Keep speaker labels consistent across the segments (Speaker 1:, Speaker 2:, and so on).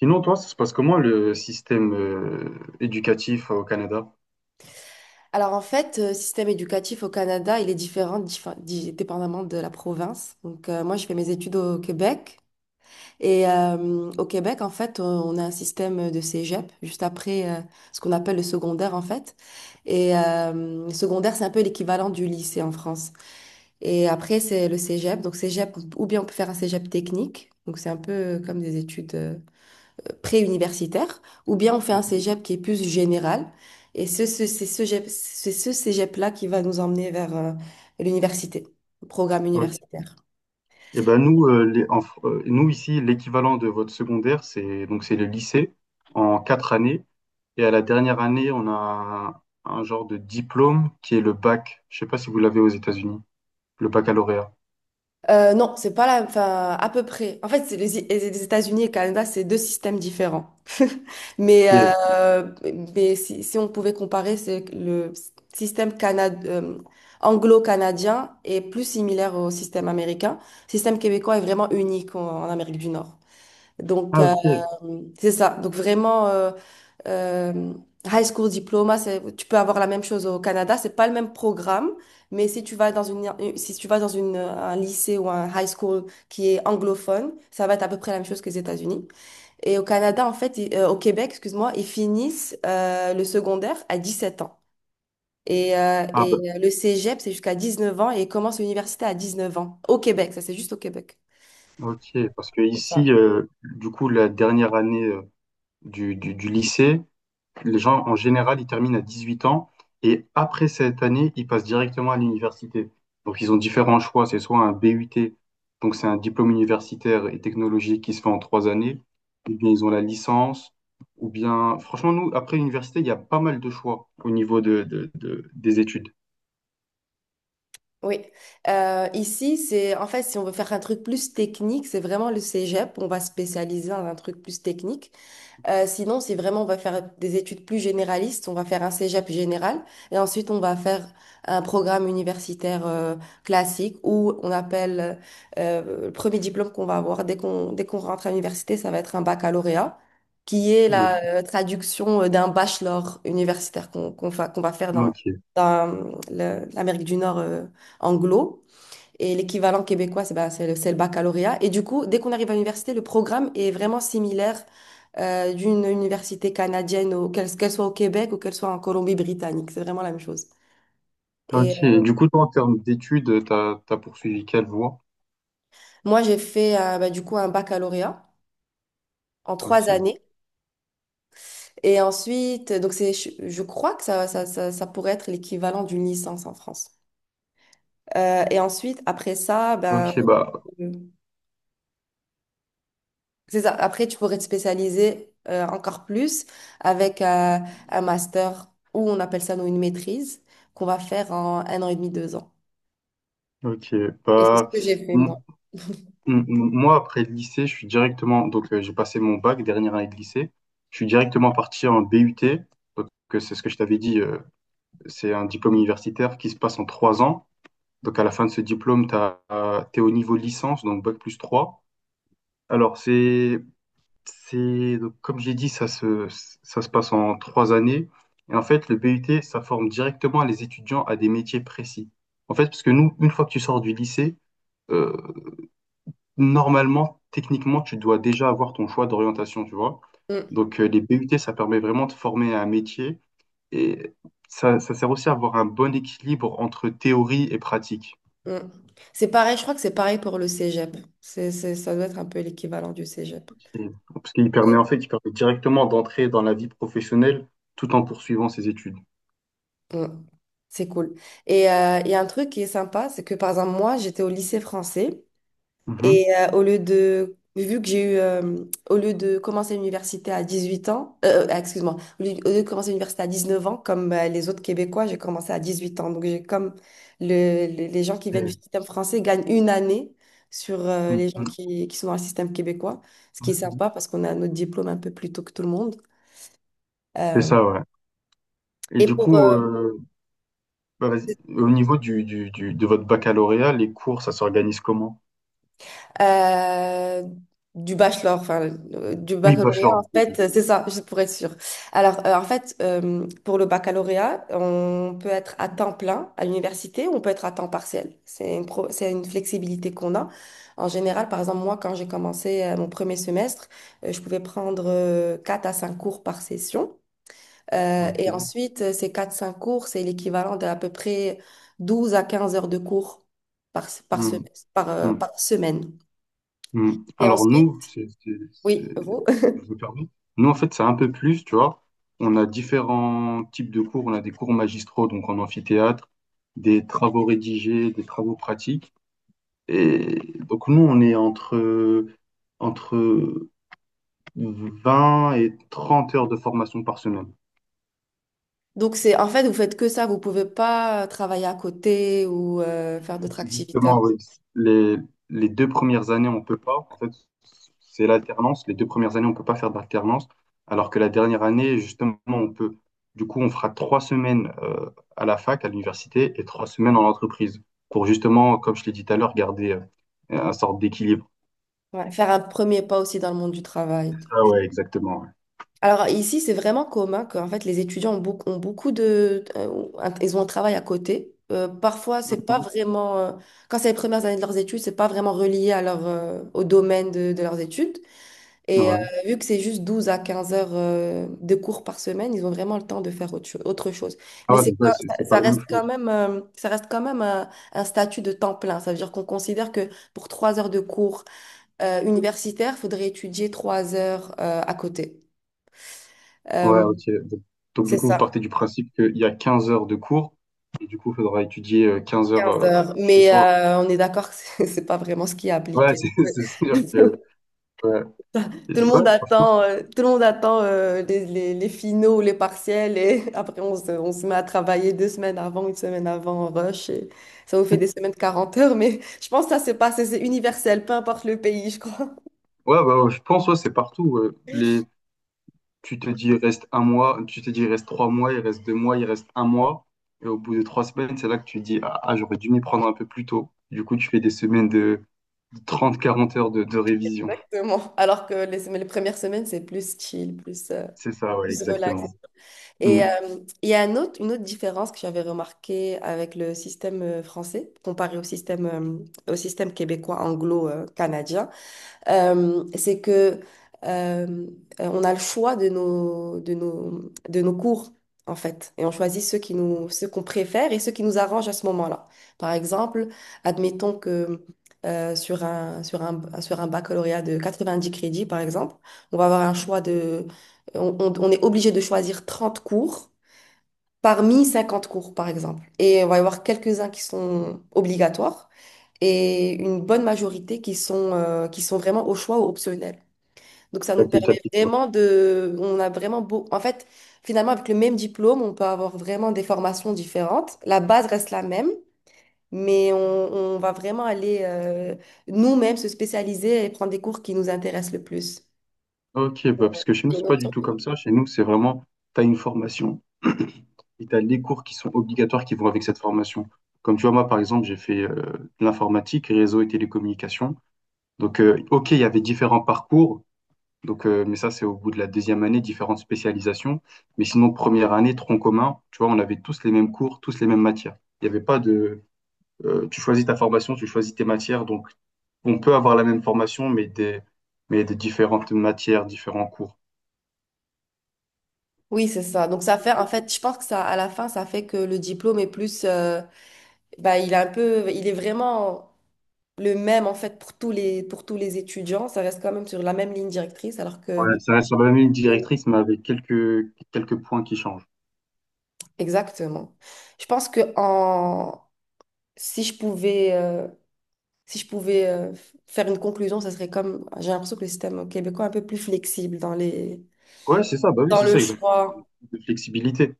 Speaker 1: Sinon, toi, ça se passe comment le système éducatif au Canada?
Speaker 2: Alors en fait, le système éducatif au Canada, il est différent dépendamment de la province. Donc, moi, je fais mes études au Québec. Et au Québec, en fait, on a un système de cégep juste après, ce qu'on appelle le secondaire, en fait. Et le secondaire, c'est un peu l'équivalent du lycée en France. Et après, c'est le cégep. Donc cégep, ou bien on peut faire un cégep technique. Donc c'est un peu comme des études, pré-universitaire, ou bien on fait un cégep qui est plus général. Et c'est ce cégep-là qui va nous emmener vers l'université, le programme
Speaker 1: Ok.
Speaker 2: universitaire.
Speaker 1: Eh ben nous, nous ici, l'équivalent de votre secondaire, c'est donc c'est le lycée en 4 années. Et à la dernière année, on a un genre de diplôme qui est le bac. Je sais pas si vous l'avez aux États-Unis, le baccalauréat.
Speaker 2: Non, c'est pas la, enfin, à peu près. En fait, c'est les États-Unis et le Canada, c'est deux systèmes différents. Mais,
Speaker 1: Ok.
Speaker 2: euh, mais si, on pouvait comparer, c'est que le système anglo-canadien est plus similaire au système américain. Le système québécois est vraiment unique en Amérique du Nord. Donc,
Speaker 1: Ah ok.
Speaker 2: c'est ça. Donc, vraiment, euh, high school diploma, tu peux avoir la même chose au Canada. C'est pas le même programme, mais si tu vas dans une, si tu vas dans une, un lycée ou un high school qui est anglophone, ça va être à peu près la même chose que les États-Unis. Et au Canada, en fait, au Québec, excuse-moi, ils finissent le secondaire à 17 ans. Et, euh,
Speaker 1: Ah
Speaker 2: et
Speaker 1: bah,
Speaker 2: le cégep, c'est jusqu'à 19 ans et ils commencent l'université à 19 ans. Au Québec, ça c'est juste au Québec.
Speaker 1: ok. Parce que
Speaker 2: C'est ça.
Speaker 1: ici, du coup, la dernière année du lycée. Les gens, en général, ils terminent à 18 ans et après cette année, ils passent directement à l'université. Donc, ils ont différents choix. C'est soit un BUT, donc c'est un diplôme universitaire et technologique qui se fait en 3 années, ou bien ils ont la licence, ou bien, franchement, nous, après l'université, il y a pas mal de choix au niveau des études.
Speaker 2: Oui. Ici, c'est, en fait, si on veut faire un truc plus technique, c'est vraiment le cégep. On va spécialiser dans un truc plus technique. Sinon, si vraiment on va faire des études plus généralistes, on va faire un cégep général et ensuite on va faire un programme universitaire classique, où on appelle le premier diplôme qu'on va avoir dès qu'on rentre à l'université, ça va être un baccalauréat, qui est
Speaker 1: Ok,
Speaker 2: la traduction d'un bachelor universitaire qu'on va faire
Speaker 1: ok,
Speaker 2: dans l'Amérique du Nord anglo. Et l'équivalent québécois, c'est, bah, c'est le baccalauréat. Et du coup, dès qu'on arrive à l'université, le programme est vraiment similaire d'une université canadienne, qu'elle soit au Québec ou qu'elle soit en Colombie-Britannique. C'est vraiment la même chose. Et
Speaker 1: ok. Et du coup, toi, en termes d'études, t'as poursuivi quelle voie?
Speaker 2: moi, j'ai fait, bah, du coup, un baccalauréat en trois
Speaker 1: Ok,
Speaker 2: années. Et ensuite, donc c'est, je crois que ça pourrait être l'équivalent d'une licence en France. Et ensuite, après ça, ben,
Speaker 1: ok, bah,
Speaker 2: c'est ça. Après, tu pourrais te spécialiser encore plus avec un master, ou on appelle ça nous une maîtrise, qu'on va faire en un an et demi, 2 ans.
Speaker 1: ok,
Speaker 2: Et c'est ce
Speaker 1: bah.
Speaker 2: que j'ai fait, moi.
Speaker 1: Moi, après le lycée, je suis directement, donc j'ai passé mon bac, dernière année de lycée, je suis directement parti en BUT, donc c'est ce que je t'avais dit, c'est un diplôme universitaire qui se passe en 3 ans. Donc à la fin de ce diplôme, t'es au niveau licence, donc bac plus 3. Alors donc, comme j'ai dit, ça se passe en 3 années. Et en fait, le BUT, ça forme directement les étudiants à des métiers précis. En fait, parce que nous, une fois que tu sors du lycée, euh, normalement, techniquement, tu dois déjà avoir ton choix d'orientation, tu vois.
Speaker 2: Mm,
Speaker 1: Donc, les BUT, ça permet vraiment de former à un métier et ça sert aussi à avoir un bon équilibre entre théorie et pratique.
Speaker 2: mm. C'est pareil, je crois que c'est pareil pour le cégep. Ça doit être un peu l'équivalent du cégep.
Speaker 1: Parce qu'il permet, en
Speaker 2: Et-
Speaker 1: fait, il permet directement d'entrer dans la vie professionnelle tout en poursuivant ses études.
Speaker 2: Mm. C'est cool. Et il y a un truc qui est sympa, c'est que, par exemple, moi, j'étais au lycée français.
Speaker 1: Mhm.
Speaker 2: Et vu que j'ai eu, au lieu de commencer l'université à 18 ans, excuse-moi, au lieu de commencer l'université à 19 ans, comme les autres Québécois, j'ai commencé à 18 ans. Donc, j'ai comme les gens qui viennent du
Speaker 1: Et-
Speaker 2: système français gagnent une année sur les gens
Speaker 1: Mhm.
Speaker 2: qui sont dans le système québécois, ce qui est sympa parce qu'on a notre diplôme un peu plus tôt que tout le monde.
Speaker 1: C'est
Speaker 2: Euh,
Speaker 1: ça, ouais. Et
Speaker 2: et
Speaker 1: du coup, bah, vas-y. Au niveau de votre baccalauréat, les cours, ça s'organise comment?
Speaker 2: euh, du bachelor, enfin, du
Speaker 1: Oui,
Speaker 2: baccalauréat,
Speaker 1: bachelor.
Speaker 2: en fait, c'est ça, juste pour être sûre. Alors, en fait, pour le baccalauréat, on peut être à temps plein à l'université ou on peut être à temps partiel. C'est une flexibilité qu'on a. En général, par exemple, moi, quand j'ai commencé, mon premier semestre, je pouvais prendre 4 à 5 cours par session. Et
Speaker 1: Ok.
Speaker 2: ensuite, ces quatre cinq cours, c'est l'équivalent d'à peu près 12 à 15 heures de cours
Speaker 1: Hmm, hmm.
Speaker 2: par semaine.
Speaker 1: Hmm.
Speaker 2: Et
Speaker 1: Alors nous,
Speaker 2: ensuite, oui, vous.
Speaker 1: je me permets. Nous, en fait, c'est un peu plus, tu vois. On a différents types de cours. On a des cours magistraux, donc en amphithéâtre, des travaux rédigés, des travaux pratiques. Et donc nous, on est entre 20 et 30 heures de formation par semaine.
Speaker 2: Donc, c'est, en fait, vous faites que ça. Vous pouvez pas travailler à côté ou faire d'autres activités à
Speaker 1: Justement,
Speaker 2: côté.
Speaker 1: oui. Les, les deux premières années, on peut pas. En fait, c'est l'alternance. Les deux premières années, on peut pas faire d'alternance. Alors que la dernière année, justement, on peut. Du coup, on fera 3 semaines à la fac, à l'université, et 3 semaines en entreprise. Pour justement, comme je l'ai dit tout à l'heure, garder un sorte d'équilibre.
Speaker 2: Ouais, faire un premier pas aussi dans le monde du travail, et tout.
Speaker 1: Ah ouais, exactement. Ouais.
Speaker 2: Alors, ici, c'est vraiment commun que, en fait, les étudiants ont beaucoup de, ils ont un travail à côté. Parfois, c'est pas
Speaker 1: Mhm.
Speaker 2: vraiment, quand c'est les premières années de leurs études, c'est pas vraiment relié à au domaine de leurs études. Et
Speaker 1: Ouais.
Speaker 2: vu que c'est juste 12 à 15 heures de cours par semaine, ils ont vraiment le temps de faire autre chose.
Speaker 1: Ah ouais, donc ouais, c'est
Speaker 2: Ça,
Speaker 1: c'est pas
Speaker 2: ça
Speaker 1: la même
Speaker 2: reste quand
Speaker 1: chose.
Speaker 2: même, un statut de temps plein. Ça veut dire qu'on considère que pour 3 heures de cours universitaires, il faudrait étudier 3 heures à côté.
Speaker 1: Ouais,
Speaker 2: Euh,
Speaker 1: ok. Donc, du
Speaker 2: c'est
Speaker 1: coup, vous
Speaker 2: ça,
Speaker 1: partez du principe qu'il y a 15 heures de cours et du coup, il faudra étudier 15 heures
Speaker 2: 15 heures.
Speaker 1: chez
Speaker 2: Mais
Speaker 1: soi.
Speaker 2: on est d'accord que c'est c'est pas vraiment ce qui est
Speaker 1: Ouais,
Speaker 2: appliqué.
Speaker 1: c'est c'est sûr que ouais. Et ouais, franchement,
Speaker 2: Tout le monde attend les finaux, les partiels. Et après on se met à travailler 2 semaines avant, une semaine avant, en rush, et ça vous fait des semaines de 40 heures, mais je pense que ça c'est pas, c'est universel, peu importe le pays, je crois.
Speaker 1: ouais, bah, ouais, je pense ouais, c'est partout. Ouais. Tu te dis il reste un mois, tu te dis il reste 3 mois, il reste 2 mois, il reste un mois. Et au bout de 3 semaines, c'est là que tu te dis ah, ah, j'aurais dû m'y prendre un peu plus tôt. Du coup, tu fais des semaines de 30-40 heures de révision.
Speaker 2: Exactement. Alors que les premières semaines, c'est plus chill, plus,
Speaker 1: C'est ça, ouais,
Speaker 2: plus relax.
Speaker 1: exactement. Mm.
Speaker 2: Et il y a une autre différence que j'avais remarquée avec le système français, comparé au au système québécois anglo-canadien. C'est que euh, on a le choix de de nos cours, en fait. Et on choisit ceux qu'on préfère et ceux qui nous arrangent à ce moment-là. Par exemple, admettons que, sur un baccalauréat de 90 crédits, par exemple, on va avoir un choix de... On est obligé de choisir 30 cours parmi 50 cours, par exemple. Et on va y avoir quelques-uns qui sont obligatoires, et une bonne majorité qui sont vraiment au choix ou optionnels. Donc ça nous permet
Speaker 1: Facultatif.
Speaker 2: vraiment de... On a vraiment beau... En fait, finalement, avec le même diplôme, on peut avoir vraiment des formations différentes. La base reste la même, mais on va vraiment aller nous-mêmes se spécialiser et prendre des cours qui nous intéressent le plus.
Speaker 1: Ok, bah,
Speaker 2: Ouais.
Speaker 1: parce que chez nous,
Speaker 2: Et
Speaker 1: c'est
Speaker 2: une
Speaker 1: pas du
Speaker 2: option.
Speaker 1: tout comme ça. Chez nous, c'est vraiment, tu as une formation et tu as les cours qui sont obligatoires qui vont avec cette formation. Comme tu vois, moi, par exemple, j'ai fait de l'informatique, réseau et télécommunications. Donc, ok, il y avait différents parcours, donc, mais ça, c'est au bout de la deuxième année, différentes spécialisations. Mais sinon, première année, tronc commun, tu vois, on avait tous les mêmes cours, tous les mêmes matières. Il n'y avait pas de. Tu choisis ta formation, tu choisis tes matières. Donc, on peut avoir la même formation, mais des différentes matières, différents cours.
Speaker 2: Oui, c'est ça. Donc ça fait, en fait, je pense que ça, à la fin, ça fait que le diplôme est plus, bah, il est vraiment le même, en fait, pour pour tous les étudiants. Ça reste quand même sur la même ligne directrice, alors que...
Speaker 1: Ouais, ça reste sur la même ligne
Speaker 2: Euh,
Speaker 1: directrice, mais avec quelques points qui changent.
Speaker 2: exactement. Je pense que si je pouvais, euh, si je pouvais faire une conclusion, ça serait comme, j'ai l'impression que le système québécois est un peu plus flexible dans
Speaker 1: Ouais, c'est ça, bah oui,
Speaker 2: dans
Speaker 1: c'est
Speaker 2: le
Speaker 1: ça, exactement.
Speaker 2: choix.
Speaker 1: De flexibilité.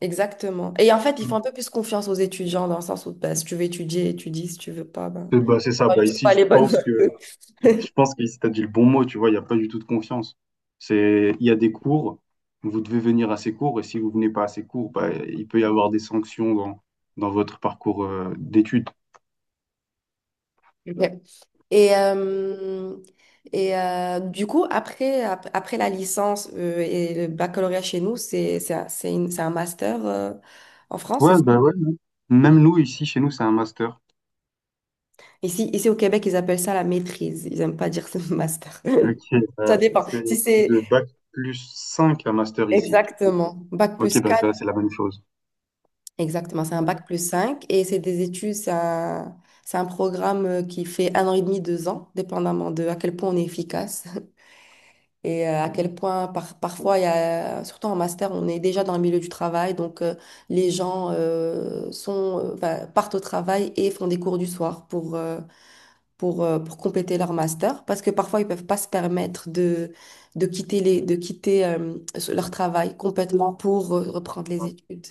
Speaker 2: Exactement. Et en fait, ils font un peu plus confiance aux étudiants, dans le sens où, bah, si tu veux étudier, étudie. Si tu veux pas, ben,
Speaker 1: Bah, c'est ça,
Speaker 2: t'auras
Speaker 1: bah
Speaker 2: juste
Speaker 1: ici,
Speaker 2: pas
Speaker 1: je
Speaker 2: les bonnes
Speaker 1: pense
Speaker 2: notes.
Speaker 1: que, je pense qu'ici, t'as dit le bon mot, tu vois, il n'y a pas du tout de confiance. Il y a des cours, vous devez venir à ces cours, et si vous venez pas à ces cours, bah, il peut y avoir des sanctions dans votre parcours d'études.
Speaker 2: Ouais. Et, euh, du coup, après, après la licence et le baccalauréat chez nous, c'est un master en France, c'est
Speaker 1: Ouais,
Speaker 2: ça.
Speaker 1: bah ouais. Ouais. Même nous, ici, chez nous, c'est un master.
Speaker 2: Ici au Québec, ils appellent ça la maîtrise. Ils n'aiment pas dire ce master.
Speaker 1: Ok,
Speaker 2: Ça dépend.
Speaker 1: c'est
Speaker 2: Si
Speaker 1: de
Speaker 2: c'est...
Speaker 1: bac plus 5 un master ici.
Speaker 2: Exactement, bac
Speaker 1: Ok,
Speaker 2: plus
Speaker 1: bah
Speaker 2: quatre.
Speaker 1: ça, c'est la même chose.
Speaker 2: Exactement, c'est un bac plus cinq, et c'est des études, c'est c'est un programme qui fait un an et demi, deux ans, dépendamment de à quel point on est efficace. Et à quel point parfois, surtout en master, on est déjà dans le milieu du travail, donc, les gens, sont, enfin, partent au travail et font des cours du soir pour, pour compléter leur master, parce que parfois, ils peuvent pas se permettre de, de quitter leur travail complètement pour reprendre les études.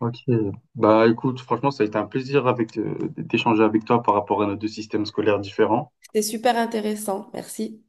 Speaker 1: Ok. Bah écoute, franchement, ça a été un plaisir avec d'échanger avec toi par rapport à nos deux systèmes scolaires différents.
Speaker 2: C'était super intéressant, merci.